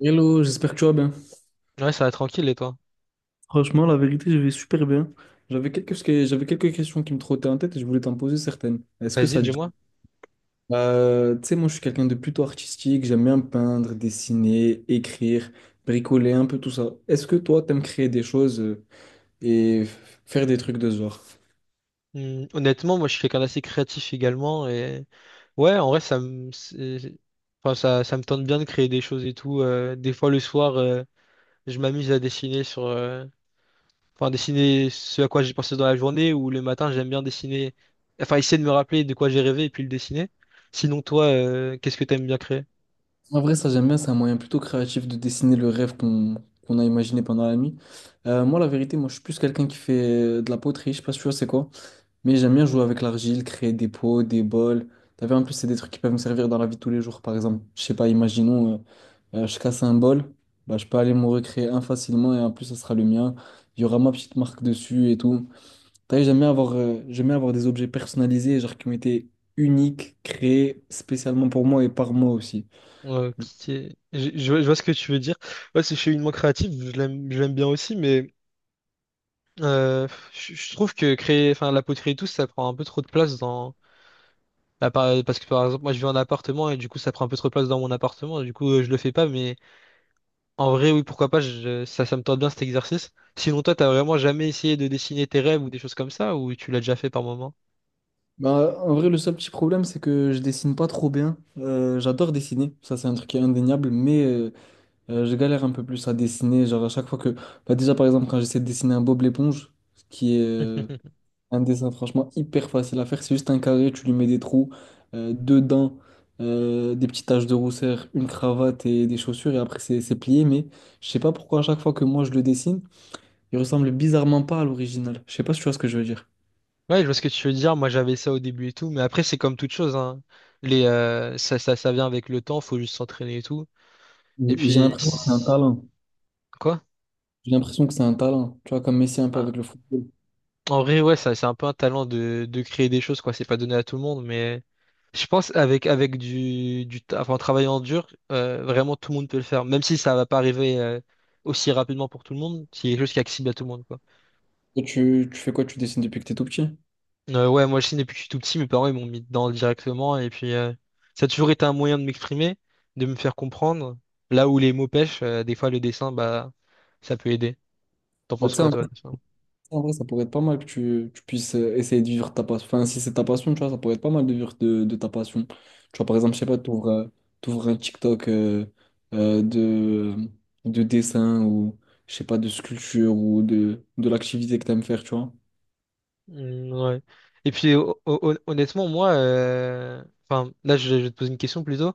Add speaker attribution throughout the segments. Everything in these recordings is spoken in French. Speaker 1: Hello, j'espère que tu vas bien.
Speaker 2: Ouais, ça va tranquille, et toi?
Speaker 1: Franchement, la vérité, je vais super bien. J'avais quelques questions qui me trottaient en tête et je voulais t'en poser certaines. Est-ce que
Speaker 2: Vas-y,
Speaker 1: ça te dit?
Speaker 2: dis-moi.
Speaker 1: Tu sais, moi, je suis quelqu'un de plutôt artistique. J'aime bien peindre, dessiner, écrire, bricoler, un peu tout ça. Est-ce que toi, t'aimes créer des choses et faire des trucs de ce genre?
Speaker 2: Hmm, honnêtement, moi, je suis quelqu'un d'assez créatif également, et ouais, en vrai, enfin, ça me tente bien de créer des choses et tout. Des fois, le soir, je m'amuse à dessiner enfin, dessiner ce à quoi j'ai pensé dans la journée, ou le matin, j'aime bien dessiner, enfin, essayer de me rappeler de quoi j'ai rêvé et puis le dessiner. Sinon, toi, qu'est-ce que t'aimes bien créer?
Speaker 1: En vrai, ça, j'aime bien. C'est un moyen plutôt créatif de dessiner le rêve qu'on a imaginé pendant la nuit. Moi, la vérité, moi, je suis plus quelqu'un qui fait de la poterie. Je sais pas si tu vois, c'est quoi? Mais j'aime bien jouer avec l'argile, créer des pots, des bols. T'as vu, en plus, c'est des trucs qui peuvent me servir dans la vie de tous les jours. Par exemple, je sais pas, imaginons, je casse un bol, bah, je peux aller m'en recréer un facilement et en plus, ça sera le mien. Il y aura ma petite marque dessus et tout. T'as vu, j'aime bien avoir des objets personnalisés, genre qui ont été uniques, créés spécialement pour moi et par moi aussi.
Speaker 2: Ouais, je vois ce que tu veux dire. Ouais, je suis une moins créative, je l'aime bien aussi, mais Euh, je trouve que créer, enfin, la poterie et tout, ça prend un peu trop de place dans. Bah, parce que par exemple, moi je vis en appartement et du coup ça prend un peu trop de place dans mon appartement, et du coup je le fais pas, mais en vrai, oui, pourquoi pas, ça me tente bien cet exercice. Sinon, toi, t'as vraiment jamais essayé de dessiner tes rêves ou des choses comme ça, ou tu l'as déjà fait par moment?
Speaker 1: Bah, en vrai, le seul petit problème, c'est que je dessine pas trop bien. J'adore dessiner, ça c'est un truc qui est indéniable, mais je galère un peu plus à dessiner, genre à chaque fois que... Bah déjà par exemple quand j'essaie de dessiner un Bob l'éponge, ce qui est un dessin franchement hyper facile à faire, c'est juste un carré, tu lui mets des trous, deux dents, des petites taches de rousseur, une cravate et des chaussures et après c'est plié, mais je sais pas pourquoi à chaque fois que moi je le dessine, il ressemble bizarrement pas à l'original. Je sais pas si tu vois ce que je veux dire.
Speaker 2: Ouais, je vois ce que tu veux dire. Moi, j'avais ça au début et tout, mais après, c'est comme toute chose, hein. Ça vient avec le temps, faut juste s'entraîner et tout. Et
Speaker 1: J'ai
Speaker 2: puis,
Speaker 1: l'impression que c'est un talent.
Speaker 2: quoi?
Speaker 1: J'ai l'impression que c'est un talent, tu vois, comme Messi un peu avec le football.
Speaker 2: En vrai, ouais, ça, c'est un peu un talent de créer des choses, quoi. C'est pas donné à tout le monde, mais je pense avec enfin, en travaillant dur, vraiment tout le monde peut le faire. Même si ça va pas arriver aussi rapidement pour tout le monde, c'est quelque chose qui est accessible à tout le monde, quoi.
Speaker 1: Et tu fais quoi? Tu dessines depuis que t'es tout petit?
Speaker 2: Ouais, moi, je sais, depuis que je suis tout petit, mes parents, ils m'ont mis dedans directement, et puis ça a toujours été un moyen de m'exprimer, de me faire comprendre. Là où les mots pêchent, des fois, le dessin, bah, ça peut aider. T'en
Speaker 1: Bah,
Speaker 2: penses
Speaker 1: tu
Speaker 2: quoi, toi?
Speaker 1: sais,
Speaker 2: De ça.
Speaker 1: en vrai, ça pourrait être pas mal que tu puisses essayer de vivre ta passion. Enfin, si c'est ta passion, tu vois, ça pourrait être pas mal de vivre de ta passion. Tu vois, par exemple, je sais pas, t'ouvres un TikTok euh, de, de dessin ou, je sais pas, de sculpture ou de l'activité que t'aimes faire, tu vois.
Speaker 2: Mm, ouais. Et puis honnêtement, moi, enfin là, je vais te poser une question plutôt.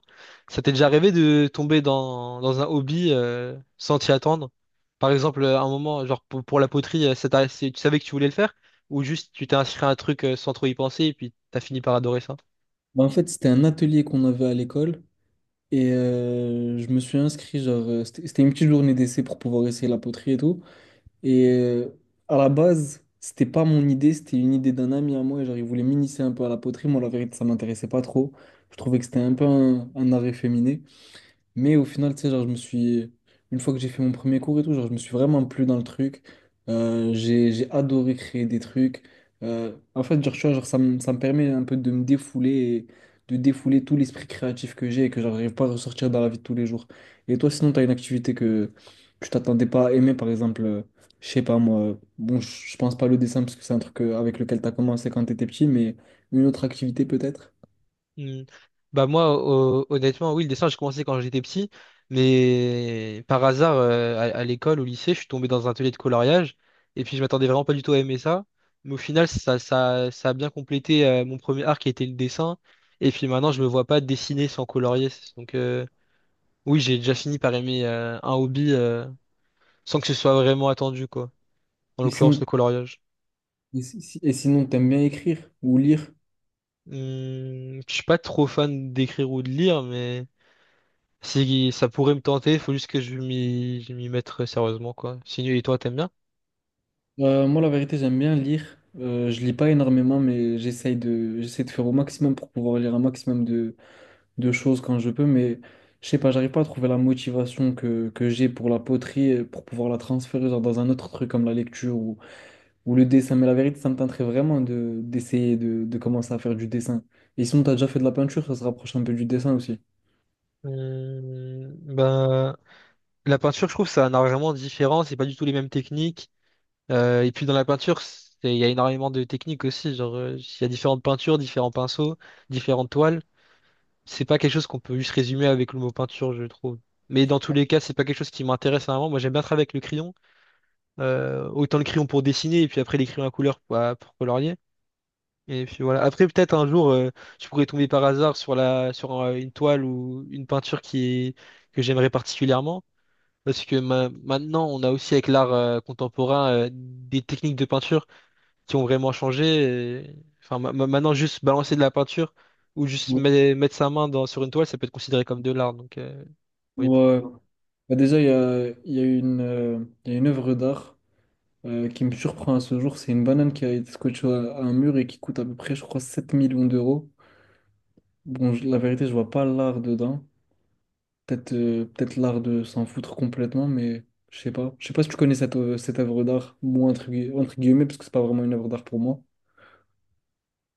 Speaker 2: Ça t'est déjà arrivé de tomber dans un hobby sans t'y attendre? Par exemple, à un moment, genre pour la poterie, tu savais que tu voulais le faire ou juste tu t'es inscrit à un truc sans trop y penser et puis t'as fini par adorer ça?
Speaker 1: Bah, en fait, c'était un atelier qu'on avait à l'école et je me suis inscrit, genre, c'était une petite journée d'essai pour pouvoir essayer la poterie et tout. Et à la base, c'était pas mon idée, c'était une idée d'un ami à moi. Genre, il voulait m'initier un peu à la poterie. Moi, la vérité, ça m'intéressait pas trop. Je trouvais que c'était un peu un art efféminé. Mais au final, tu sais, genre, je me suis. Une fois que j'ai fait mon premier cours et tout, genre, je me suis vraiment plu dans le truc. J'ai adoré créer des trucs. En fait, genre, tu vois, genre, ça me permet un peu de me défouler et de défouler tout l'esprit créatif que j'ai et que j'arrive pas à ressortir dans la vie de tous les jours. Et toi, sinon, tu as une activité que tu t'attendais pas à aimer, par exemple, je sais pas moi. Bon, je pense pas le dessin parce que c'est un truc avec lequel tu as commencé quand tu étais petit, mais une autre activité peut-être.
Speaker 2: Hmm. Bah moi, honnêtement, oui, le dessin, j'ai commencé quand j'étais petit, mais par hasard, à l'école, au lycée, je suis tombé dans un atelier de coloriage, et puis je m'attendais vraiment pas du tout à aimer ça, mais au final, ça a bien complété mon premier art qui était le dessin, et puis maintenant, je me vois pas dessiner sans colorier, donc oui, j'ai déjà fini par aimer un hobby sans que ce soit vraiment attendu, quoi, en
Speaker 1: Et
Speaker 2: l'occurrence
Speaker 1: sinon,
Speaker 2: le coloriage.
Speaker 1: et si- si, et sinon, t'aimes bien écrire ou lire?
Speaker 2: Hmm, je suis pas trop fan d'écrire ou de lire, mais si ça pourrait me tenter, faut juste que je m'y mette sérieusement, quoi. Sinon, et toi, t'aimes bien?
Speaker 1: Moi, la vérité, j'aime bien lire. Je lis pas énormément, mais j'essaie de faire au maximum pour pouvoir lire un maximum de choses quand je peux. Mais je sais pas, j'arrive pas à trouver la motivation que j'ai pour la poterie, pour pouvoir la transférer genre, dans un autre truc comme la lecture ou le dessin. Mais la vérité, ça me tenterait vraiment d'essayer de commencer à faire du dessin. Et sinon, t'as déjà fait de la peinture, ça se rapproche un peu du dessin aussi.
Speaker 2: Ben, la peinture, je trouve, c'est un art vraiment différent. C'est pas du tout les mêmes techniques. Et puis dans la peinture, il y a énormément de techniques aussi. Genre, il y a différentes peintures, différents pinceaux, différentes toiles. C'est pas quelque chose qu'on peut juste résumer avec le mot peinture, je trouve. Mais dans tous les cas, c'est pas quelque chose qui m'intéresse vraiment. Moi, j'aime bien travailler avec le crayon. Autant le crayon pour dessiner et puis après les crayons à couleur pour colorier. Et puis voilà. Après, peut-être un jour, je pourrais tomber par hasard sur la, sur une toile ou une peinture que j'aimerais particulièrement. Parce que maintenant, on a aussi avec l'art contemporain des techniques de peinture qui ont vraiment changé. et- Enfin, maintenant, juste balancer de la peinture ou juste
Speaker 1: Ouais.
Speaker 2: mettre sa main sur une toile, ça peut être considéré comme de l'art. Donc, oui, pourquoi.
Speaker 1: Ouais. Bah, déjà, il y a une œuvre d'art qui me surprend à ce jour, c'est une banane qui a été scotchée à un mur et qui coûte à peu près, je crois, 7 millions d'euros. Bon, la vérité, je vois pas l'art dedans. Peut-être l'art de s'en foutre complètement, mais je sais pas. Je sais pas si tu connais cette œuvre d'art, moi, entre guillemets, parce que c'est pas vraiment une œuvre d'art pour moi.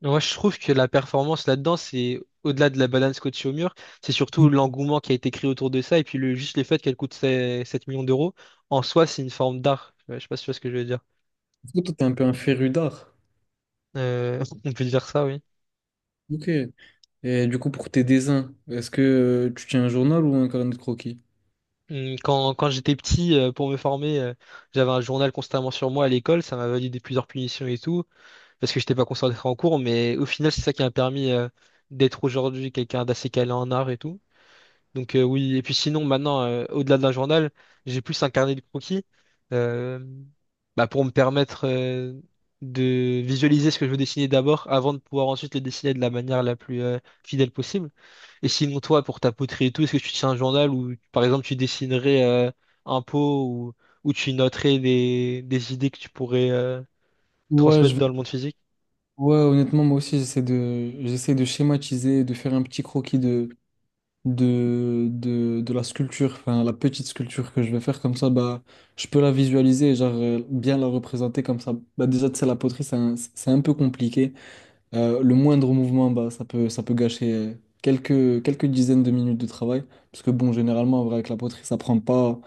Speaker 2: Moi, je trouve que la performance là-dedans, c'est au-delà de la balance coachée au mur, c'est
Speaker 1: Du
Speaker 2: surtout l'engouement qui a été créé autour de ça, et puis juste le fait qu'elle coûte sept 7 millions d'euros, en soi, c'est une forme d'art. Ouais, je sais pas si tu vois ce que je veux dire.
Speaker 1: coup, toi, t'es un peu un féru d'art.
Speaker 2: On peut dire ça, oui.
Speaker 1: OK. Et du coup, pour tes dessins, est-ce que tu tiens un journal ou un carnet de croquis?
Speaker 2: Quand j'étais petit, pour me former, j'avais un journal constamment sur moi à l'école, ça m'a validé plusieurs punitions et tout, parce que j'étais pas concentré en cours, mais au final, c'est ça qui m'a permis, d'être aujourd'hui quelqu'un d'assez calé en art et tout. Donc oui, et puis sinon maintenant, au-delà de la journal, j'ai plus un carnet de croquis euh, bah, pour me permettre de visualiser ce que je veux dessiner d'abord avant de pouvoir ensuite le dessiner de la manière la plus fidèle possible. Et sinon toi, pour ta poterie et tout, est-ce que tu tiens un journal où par exemple tu dessinerais un pot ou où tu noterais des idées que tu pourrais
Speaker 1: Ouais,
Speaker 2: transmettre dans le monde physique?
Speaker 1: ouais, honnêtement, moi aussi, j'essaie de schématiser, de, faire un petit croquis de la sculpture, enfin la petite sculpture que je vais faire comme ça, bah, je peux la visualiser et genre bien la représenter comme ça. Bah, déjà, tu sais, la poterie, c'est un peu compliqué. Le moindre mouvement, bah, ça peut gâcher quelques dizaines de minutes de travail. Parce que bon, généralement, en vrai, avec la poterie, ça prend pas,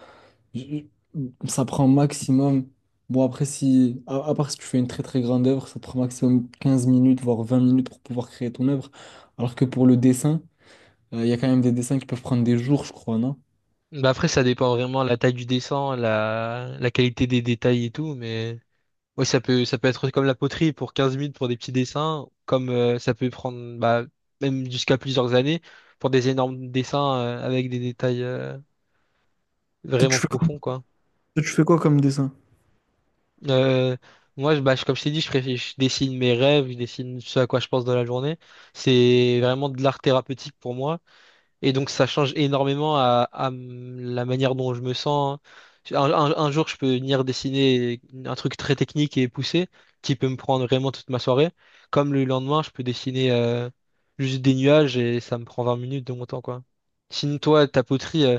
Speaker 1: ça prend maximum. Bon, après, si, à part si tu fais une très très grande œuvre, ça te prend maximum 15 minutes, voire 20 minutes pour pouvoir créer ton œuvre. Alors que pour le dessin, il y a quand même des dessins qui peuvent prendre des jours, je crois, non?
Speaker 2: Bah après, ça dépend vraiment de la taille du dessin, la qualité des détails et tout, mais. Oui, ça peut être comme la poterie pour 15 minutes pour des petits dessins, comme ça peut prendre bah, même jusqu'à plusieurs années pour des énormes dessins avec des détails
Speaker 1: Toi, tu
Speaker 2: vraiment
Speaker 1: fais quoi,
Speaker 2: profonds, quoi.
Speaker 1: toi, tu fais quoi comme dessin?
Speaker 2: Euh, Moi, comme je t'ai dit, je dessine mes rêves, je dessine ce à quoi je pense dans la journée. C'est vraiment de l'art thérapeutique pour moi. Et donc ça change énormément la manière dont je me sens. Hein. Un jour, je peux venir dessiner un truc très technique et poussé, qui peut me prendre vraiment toute ma soirée. Comme le lendemain, je peux dessiner juste des nuages et ça me prend 20 minutes de mon temps, quoi. Sinon, toi, ta poterie,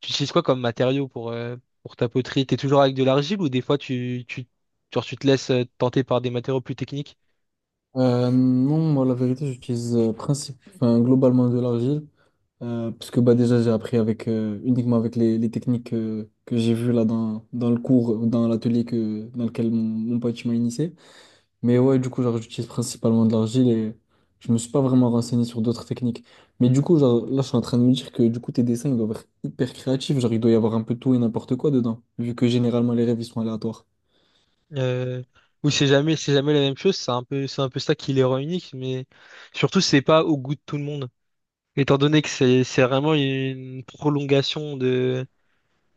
Speaker 2: tu utilises quoi comme matériau pour ta poterie? T'es toujours avec de l'argile ou des fois genre, tu te laisses tenter par des matériaux plus techniques?
Speaker 1: Non, moi, la vérité, j'utilise enfin, globalement de l'argile. Parce que bah, déjà, j'ai appris uniquement avec les techniques que j'ai vues là dans le cours, dans l'atelier dans lequel mon pote il m'a initié. Mais ouais, du coup, genre, j'utilise principalement de l'argile et je me suis pas vraiment renseigné sur d'autres techniques. Mais du coup, genre, là, je suis en train de me dire que du coup, tes dessins, ils doivent être hyper créatifs. Genre, il doit y avoir un peu tout et n'importe quoi dedans, vu que généralement, les rêves, ils sont aléatoires.
Speaker 2: Euh, ou c'est jamais la même chose, c'est un peu ça qui les rend uniques, mais surtout c'est pas au goût de tout le monde. Étant donné que c'est vraiment une prolongation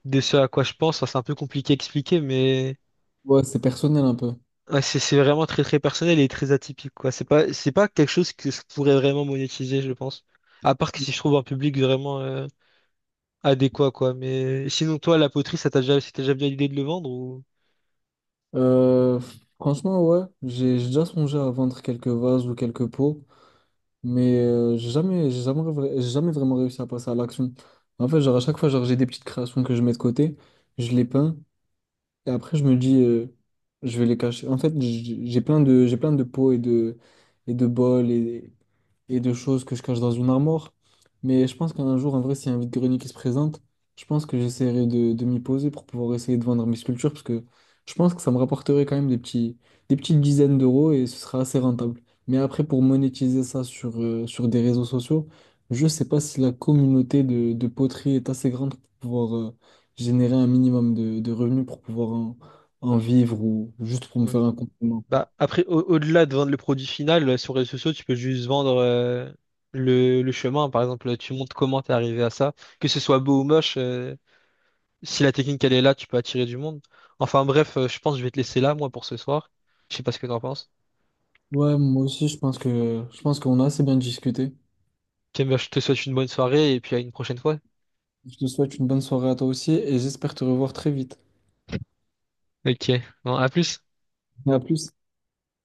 Speaker 2: de ce à quoi je pense. Enfin, c'est un peu compliqué à expliquer, mais
Speaker 1: Ouais, c'est personnel un peu.
Speaker 2: ouais, c'est vraiment très très personnel et très atypique, quoi. C'est pas quelque chose que je pourrais vraiment monétiser, je pense. À part que si je trouve un public vraiment adéquat, quoi. Mais sinon, toi, la poterie, c'était déjà bien l'idée de le vendre ou.
Speaker 1: Euh, Franchement, ouais, j'ai déjà songé à vendre quelques vases ou quelques pots, mais j'ai jamais vraiment réussi à passer à l'action. En fait, genre, à chaque fois, genre, j'ai des petites créations que je mets de côté, je les peins. Et après, je me dis, je vais les cacher. En fait, j'ai plein de pots et de bols et de choses que je cache dans une armoire. Mais je pense qu'un jour, en vrai, s'il y a un vide-grenier qui se présente, je pense que j'essaierai de m'y poser pour pouvoir essayer de vendre mes sculptures parce que je pense que ça me rapporterait quand même des petites dizaines d'euros et ce sera assez rentable. Mais après, pour monétiser ça sur des réseaux sociaux, je sais pas si la communauté de poterie est assez grande pour pouvoir, générer un minimum de revenus pour pouvoir en vivre ou juste pour me
Speaker 2: Ouais.
Speaker 1: faire un complément.
Speaker 2: Bah, après, au-delà de vendre le produit final, sur les réseaux sociaux, tu peux juste vendre le chemin. Par exemple, tu montres comment t'es arrivé à ça. Que ce soit beau ou moche, si la technique elle est là, tu peux attirer du monde. Enfin bref, je pense que je vais te laisser là, moi, pour ce soir. Je sais pas ce que t'en penses.
Speaker 1: Ouais, moi aussi, je pense qu'on a assez bien discuté.
Speaker 2: Ok, bah, je te souhaite une bonne soirée et puis à une prochaine fois.
Speaker 1: Je te souhaite une bonne soirée à toi aussi et j'espère te revoir très vite.
Speaker 2: Ok, bon, à plus.
Speaker 1: À plus.